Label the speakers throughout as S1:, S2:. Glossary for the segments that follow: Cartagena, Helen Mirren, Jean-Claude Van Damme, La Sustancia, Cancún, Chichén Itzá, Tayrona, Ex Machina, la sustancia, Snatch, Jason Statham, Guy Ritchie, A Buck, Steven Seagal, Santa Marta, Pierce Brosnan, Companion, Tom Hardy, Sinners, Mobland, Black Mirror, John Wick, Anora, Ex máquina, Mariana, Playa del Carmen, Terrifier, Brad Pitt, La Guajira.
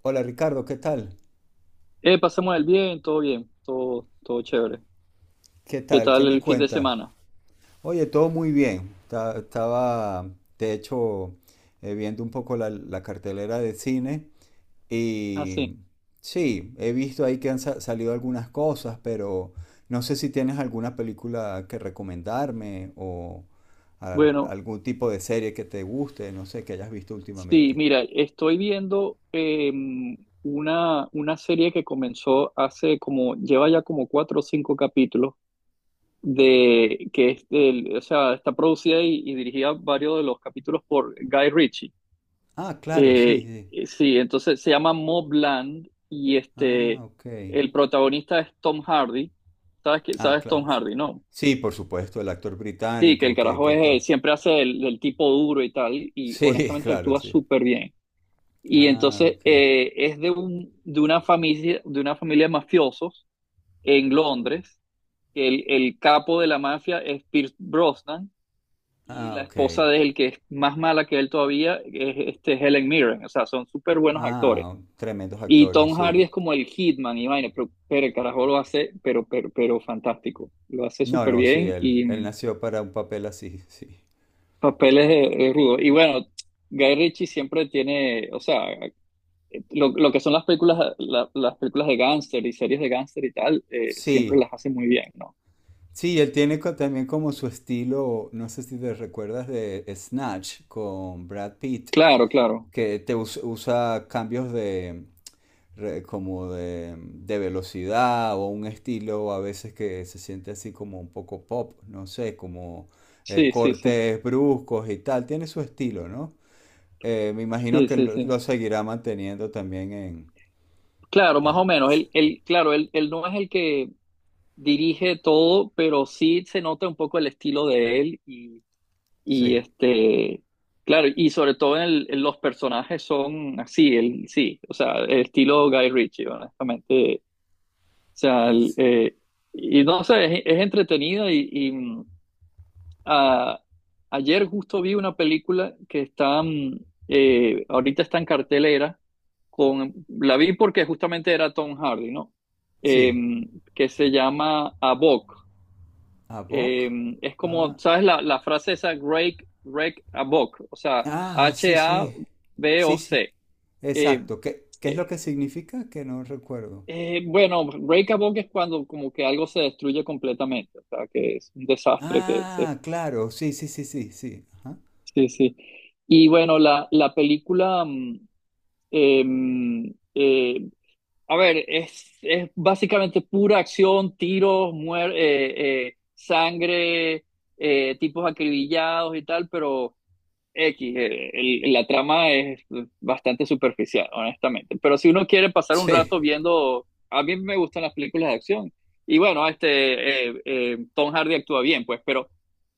S1: Hola Ricardo, ¿qué tal?
S2: Pasamos el bien, todo, todo chévere.
S1: ¿Qué
S2: ¿Qué
S1: tal? ¿Qué
S2: tal
S1: me
S2: el fin de
S1: cuentas?
S2: semana?
S1: Oye, todo muy bien. Estaba, de hecho, viendo un poco la cartelera de cine
S2: Ah,
S1: y
S2: sí.
S1: sí, he visto ahí que han salido algunas cosas, pero no sé si tienes alguna película que recomendarme o
S2: Bueno,
S1: algún tipo de serie que te guste, no sé, que hayas visto
S2: sí,
S1: últimamente.
S2: mira, estoy viendo una serie que comenzó hace como, lleva ya como cuatro o cinco capítulos, de, que es del, o sea, está producida y dirigida varios de los capítulos por Guy Ritchie.
S1: Ah, claro, sí, sí.
S2: Sí, entonces se llama Mobland y
S1: Ah,
S2: este,
S1: ok.
S2: el protagonista es Tom Hardy. ¿Sabes qué?
S1: Ah,
S2: ¿Sabes Tom
S1: claro.
S2: Hardy, no?
S1: Sí, por supuesto, el actor
S2: Sí, que el
S1: británico que,
S2: carajo
S1: que actúa.
S2: es, siempre hace el tipo duro y tal, y
S1: Sí,
S2: honestamente
S1: claro,
S2: actúa
S1: sí.
S2: súper bien. Y
S1: Ah,
S2: entonces
S1: ok.
S2: es de, un, de, una familia, de una familia de mafiosos en Londres, que el capo de la mafia es Pierce Brosnan, y
S1: Ah,
S2: la
S1: ok.
S2: esposa de él, que es más mala que él todavía, es este, Helen Mirren. O sea, son súper buenos actores.
S1: Ah, tremendos
S2: Y
S1: actores,
S2: Tom
S1: sí.
S2: Hardy es como el hitman, y vaina, pero el carajo lo hace, pero fantástico. Lo hace
S1: No,
S2: súper
S1: no, sí,
S2: bien
S1: él,
S2: y...
S1: él nació para un papel así, sí.
S2: Papeles de rudo. Y bueno, Guy Ritchie siempre tiene, o sea, lo que son las películas, la- las películas de gángster y series de gángster y tal, siempre
S1: Sí,
S2: las hace muy bien, ¿no?
S1: sí, él tiene también como su estilo, no sé si te recuerdas de Snatch con Brad Pitt,
S2: Claro, claro.
S1: que te usa cambios de, como de velocidad o un estilo a veces que se siente así como un poco pop, no sé, como
S2: Sí, sí, sí.
S1: cortes bruscos y tal, tiene su estilo, ¿no? Me imagino
S2: Sí,
S1: que
S2: sí,
S1: lo,
S2: sí.
S1: lo seguirá manteniendo también en,
S2: Claro, más
S1: en-
S2: o menos. Él, claro, él no es el que dirige todo, pero sí se nota un poco el estilo de él y
S1: Sí,
S2: este, claro, y sobre todo en el- en los personajes son así, él, sí, o sea, el estilo Guy Ritchie, honestamente. O sea, el, y no sé, es entretenida y, y, a- ayer justo vi una película que está, ahorita está en cartelera, con, la vi porque justamente era Tom Hardy, ¿no?
S1: sí.
S2: Em, que se llama A Buck.
S1: ¿A Vogue?
S2: Es como,
S1: Ah,
S2: ¿sabes la, la frase esa? Rake, rake a Buck, o sea,
S1: ah, sí, sí. Sí, sí.
S2: H-A-B-O-C.
S1: Exacto. ¿Qué es lo que significa? Que no recuerdo.
S2: Bueno, breakable es cuando como que algo se destruye completamente, o sea, que es un desastre, que se-
S1: Ah, claro, sí, sí, sí, sí, sí. Ajá.
S2: sí, sí. Y bueno, la película, eh, mm, eh, a ver, es básicamente pura acción, tiros, muer- sangre, tipos acribillados y tal, pero X, el- la trama es bastante superficial, honestamente. Pero si uno quiere pasar un
S1: Sí.
S2: rato viendo, a mí me gustan las películas de acción. Y bueno, este, Tom Hardy actúa bien, pues, pero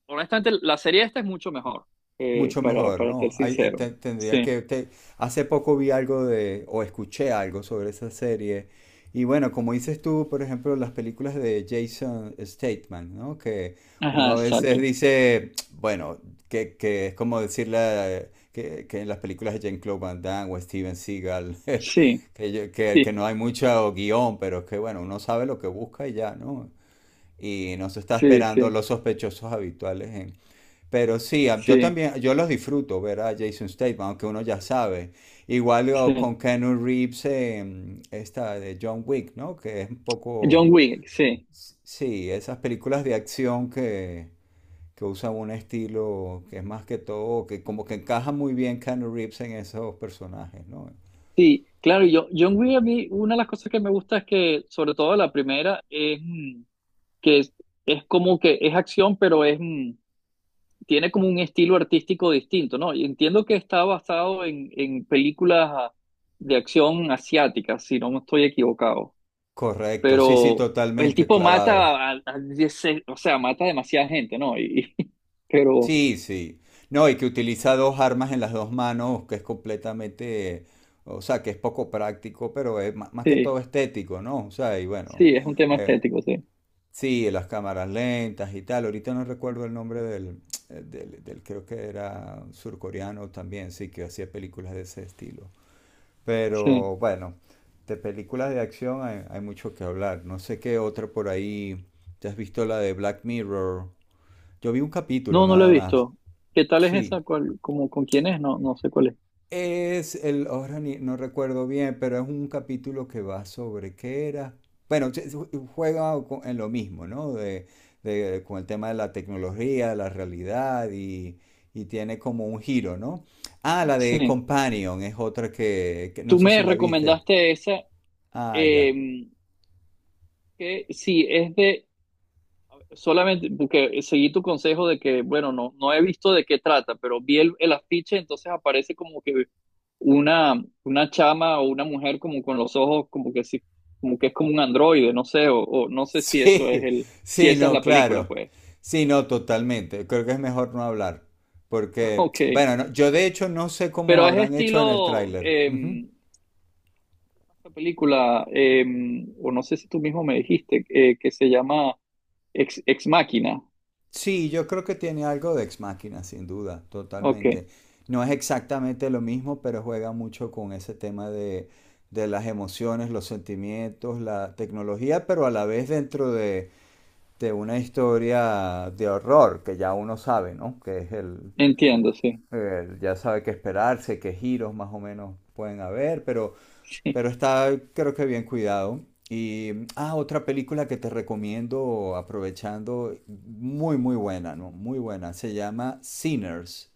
S2: honestamente la serie esta es mucho mejor,
S1: Mucho mejor,
S2: para ser
S1: ¿no?
S2: sincero. Sí,
S1: Hace poco vi algo de, o escuché algo sobre esa serie. Y bueno, como dices tú, por ejemplo, las películas de Jason Statham, ¿no? Que
S2: ajá,
S1: uno a veces
S2: exacto.
S1: dice, bueno, que es como decirle que en las películas de Jean-Claude Van Damme o Steven Seagal,
S2: Sí,
S1: que
S2: sí,
S1: no hay mucho guión, pero es que bueno, uno sabe lo que busca y ya, ¿no? Y no se está
S2: sí,
S1: esperando
S2: sí,
S1: los sospechosos habituales, pero sí, yo
S2: sí,
S1: también, yo los disfruto ver a Jason Statham, aunque uno ya sabe. Igual o
S2: sí.
S1: con Keanu Reeves, esta de John Wick, ¿no? Que es un poco,
S2: John Wick, sí.
S1: sí, esas películas de acción que usan un estilo que es más que todo, que como que encaja muy bien Keanu Reeves en esos personajes, ¿no?
S2: Sí, claro, yo, John Wick a mí, una de las cosas que me gusta es que, sobre todo la primera, es, que es como que es acción, pero es, tiene como un estilo artístico distinto, ¿no? Y entiendo que está basado en películas de acción asiáticas, si no me estoy equivocado,
S1: Correcto, sí, sí,
S2: pero el
S1: totalmente
S2: tipo
S1: clavado.
S2: mata, a 10 o sea, mata a demasiada gente, ¿no? Y- pero
S1: Sí, sí. No, y que utiliza dos armas en las dos manos, que es completamente, o sea, que es poco práctico, pero es más que
S2: sí,
S1: todo estético, ¿no? O sea, y bueno,
S2: sí, es un tema
S1: eh,
S2: estético, sí,
S1: sí, las cámaras lentas y tal. Ahorita no recuerdo el nombre creo que era surcoreano también, sí, que hacía películas de ese estilo.
S2: sí.
S1: Pero bueno, de películas de acción hay mucho que hablar. No sé qué otra por ahí. ¿Te has visto la de Black Mirror? Yo vi un capítulo
S2: No, no lo he
S1: nada más.
S2: visto. ¿Qué tal es esa?
S1: Sí.
S2: ¿Cuál, como, con quién es? No, no sé cuál es.
S1: Es el, ahora no recuerdo bien, pero es un capítulo que va sobre qué era. Bueno, se juega en lo mismo, ¿no? Con el tema de la tecnología, de la realidad y, tiene como un giro, ¿no? Ah, la de
S2: Sí.
S1: Companion es otra que no
S2: Tú
S1: sé si
S2: me
S1: la viste.
S2: recomendaste esa,
S1: Ah, ya.
S2: eh, que sí, es de. Solamente porque seguí tu consejo de que, bueno, no, no he visto de qué trata, pero vi el afiche, entonces aparece como que una chama o una mujer como con los ojos, como que sí, como que es como un androide, no sé, o no sé si eso es
S1: Sí,
S2: el, si
S1: sí,
S2: esa es
S1: no,
S2: la película,
S1: claro.
S2: pues.
S1: Sí, no, totalmente. Creo que es mejor no hablar. Porque,
S2: Ok.
S1: bueno, yo de hecho no sé cómo
S2: Pero es
S1: habrán hecho en el
S2: estilo,
S1: tráiler.
S2: esta película, o no sé si tú mismo me dijiste, que se llama Ex Machina.
S1: Sí, yo creo que tiene algo de Ex máquina, sin duda,
S2: Ok,
S1: totalmente. No es exactamente lo mismo, pero juega mucho con ese tema de, las emociones, los sentimientos, la tecnología, pero a la vez dentro de una historia de horror, que ya uno sabe, ¿no?
S2: entiendo, sí.
S1: Ya sabe qué esperarse, qué giros más o menos pueden haber, pero,
S2: Sí,
S1: pero está creo que bien cuidado. Y, ah, otra película que te recomiendo aprovechando, muy, muy buena, ¿no? Muy buena, se llama Sinners,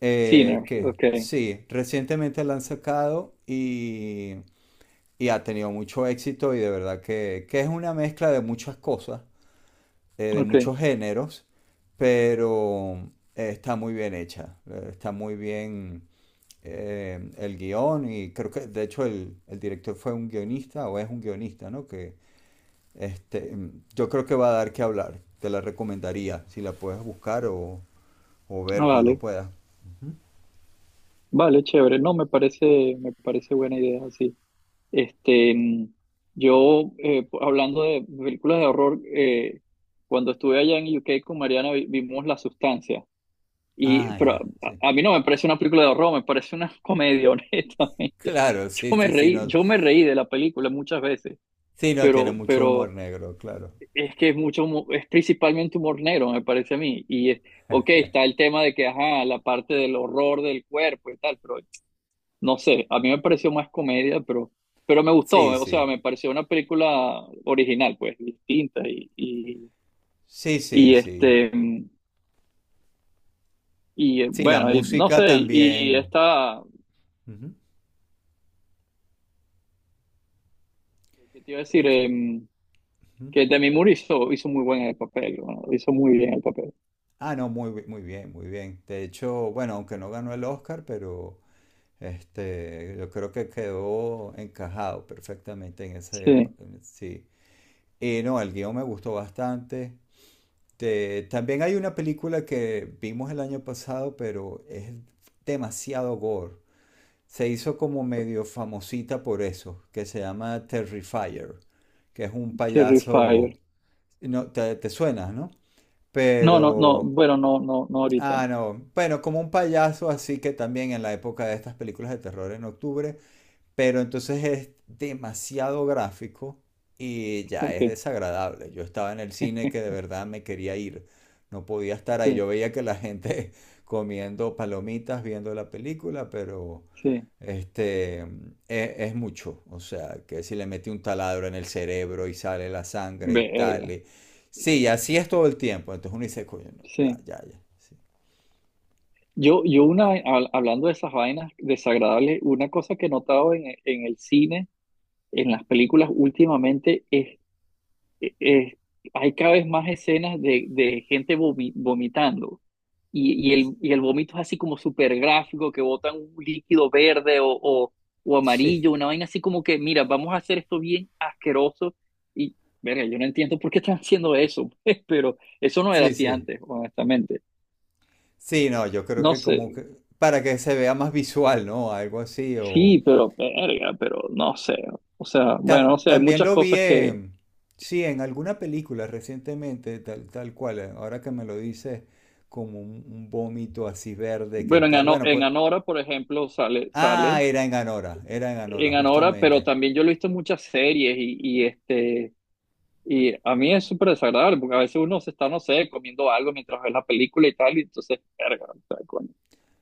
S2: Sinners,
S1: que
S2: ok,
S1: sí, recientemente la han sacado y ha tenido mucho éxito y de verdad que es una mezcla de muchas cosas de
S2: ok.
S1: muchos géneros, pero está muy bien hecha, está muy bien, el guión y creo que de hecho el director fue un guionista o es un guionista, ¿no? Que este, yo creo que va a dar que hablar, te la recomendaría si la puedes buscar o
S2: Ah,
S1: ver cuando
S2: vale.
S1: puedas.
S2: Vale, chévere. No, me parece buena idea, sí. Este, yo, po- hablando de películas de horror, cuando estuve allá en UK con Mariana vi- vimos La Sustancia. Y,
S1: Ah,
S2: pero
S1: ya, sí.
S2: a mí no me parece una película de horror, me parece una comedia, honestamente.
S1: Claro, sí, sí, sí, no,
S2: Yo me reí de la película muchas veces,
S1: sí, no tiene mucho humor
S2: pero
S1: negro, claro.
S2: es que es mucho, humo- es principalmente humor negro, me parece a mí. Y es, ok, está el tema de que, ajá, la parte del horror del cuerpo y tal, pero no sé, a mí me pareció más comedia, pero me gustó,
S1: Sí,
S2: o sea,
S1: sí,
S2: me pareció una película original, pues, distinta
S1: sí, sí,
S2: y,
S1: sí.
S2: este, y
S1: Sí, la
S2: bueno, y no
S1: música
S2: sé, y
S1: también.
S2: esta,
S1: Ujú.
S2: ¿qué te iba a decir?
S1: Ujú.
S2: Que Demi Moore hizo, hizo muy buen el papel, ¿no? Hizo muy bien el papel.
S1: Ah, no, muy, muy bien, muy bien. De hecho, bueno, aunque no ganó el Oscar, pero este, yo creo que quedó encajado perfectamente en ese,
S2: Sí,
S1: sí. Y no, el guión me gustó bastante. También hay una película que vimos el año pasado, pero es demasiado gore. Se hizo como medio famosita por eso, que se llama Terrifier, que es un
S2: Terrifier.
S1: payaso, no, te suena, ¿no?
S2: No, no, no,
S1: Pero
S2: bueno, no, no, no ahorita,
S1: Ah,
S2: no.
S1: no. Bueno, como un payaso así que también en la época de estas películas de terror en octubre, pero entonces es demasiado gráfico y ya
S2: Ok,
S1: es desagradable. Yo estaba en el cine que de verdad me quería ir, no podía estar ahí. Yo
S2: sí,
S1: veía que la gente comiendo palomitas, viendo la película, pero
S2: sí,
S1: este es mucho. O sea, que si le mete un taladro en el cerebro y sale la sangre y tal.
S2: verga,
S1: Sí, así es todo el tiempo. Entonces uno dice, coño, no, ya,
S2: sí.
S1: ya, ya.
S2: Yo una, hab- hablando de esas vainas desagradables, una cosa que he notado en el cine, en las películas últimamente, es, e, es- hay cada vez más escenas de gente vomi- vomitando. Y el vómito es así como súper gráfico, que botan un líquido verde o amarillo,
S1: Sí,
S2: una vaina así como que, mira, vamos a hacer esto bien asqueroso. Y, verga, yo no entiendo por qué están haciendo eso, pero eso no era
S1: sí,
S2: así
S1: sí.
S2: antes, honestamente.
S1: Sí, no, yo creo
S2: No
S1: que
S2: sé.
S1: como que para que se vea más visual, ¿no? Algo así. O
S2: Sí, pero verga, pero no sé. O sea, bueno, o sea, hay
S1: También
S2: muchas
S1: lo vi
S2: cosas que,
S1: en, sí, en alguna película recientemente, tal, tal cual. Ahora que me lo dices, como un, vómito así verde, que
S2: bueno, en,
S1: tal?
S2: Ano-
S1: Bueno,
S2: en
S1: pues,
S2: Anora, por ejemplo, sale, sale
S1: era en Anora,
S2: en Anora, pero
S1: justamente.
S2: también yo lo he visto en muchas series y este, y a mí es súper desagradable porque a veces uno se está, no sé, comiendo algo mientras ve la película y tal, y entonces, verga, o sea, coño.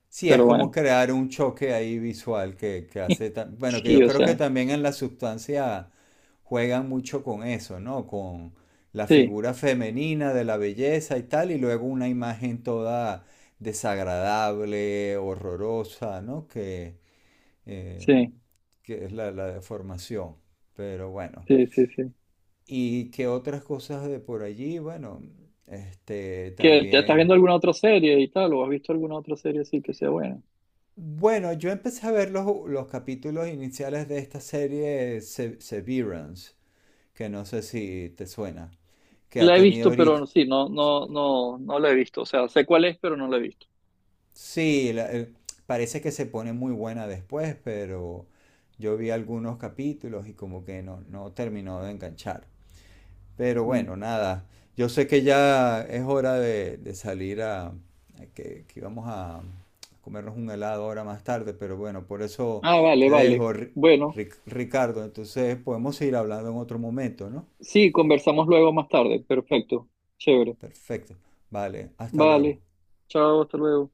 S1: Sí, es
S2: Pero
S1: como
S2: bueno,
S1: crear un choque ahí visual que hace, bueno, que
S2: sí,
S1: yo
S2: o
S1: creo que
S2: sea,
S1: también en la sustancia juegan mucho con eso, ¿no? Con la
S2: sí,
S1: figura femenina de la belleza y tal, y luego una imagen toda desagradable, horrorosa, ¿no? Eh,
S2: sí,
S1: que es la deformación. Pero bueno,
S2: sí, sí, sí.
S1: y que otras cosas de por allí, bueno, este
S2: ¿Qué, te estás
S1: también.
S2: viendo alguna otra serie y tal, o has visto alguna otra serie así que sea buena?
S1: Bueno, yo empecé a ver los capítulos iniciales de esta serie Severance, que no sé si te suena, que ha
S2: La he
S1: tenido
S2: visto,
S1: ahorita,
S2: pero sí, no, no, no, no la he visto. O sea, sé cuál es, pero no la he visto.
S1: sí, parece que se pone muy buena después, pero yo vi algunos capítulos y como que no, no terminó de enganchar. Pero
S2: Mm.
S1: bueno, nada, yo sé que ya es hora de salir a que vamos a comernos un helado ahora más tarde, pero bueno, por eso
S2: Ah, vale,
S1: te
S2: vale.
S1: dejo,
S2: Bueno,
S1: Ricardo. Entonces podemos seguir hablando en otro momento, ¿no?
S2: sí, conversamos luego más tarde. Perfecto. Chévere.
S1: Perfecto. Vale, hasta
S2: Vale.
S1: luego.
S2: Chao, hasta luego.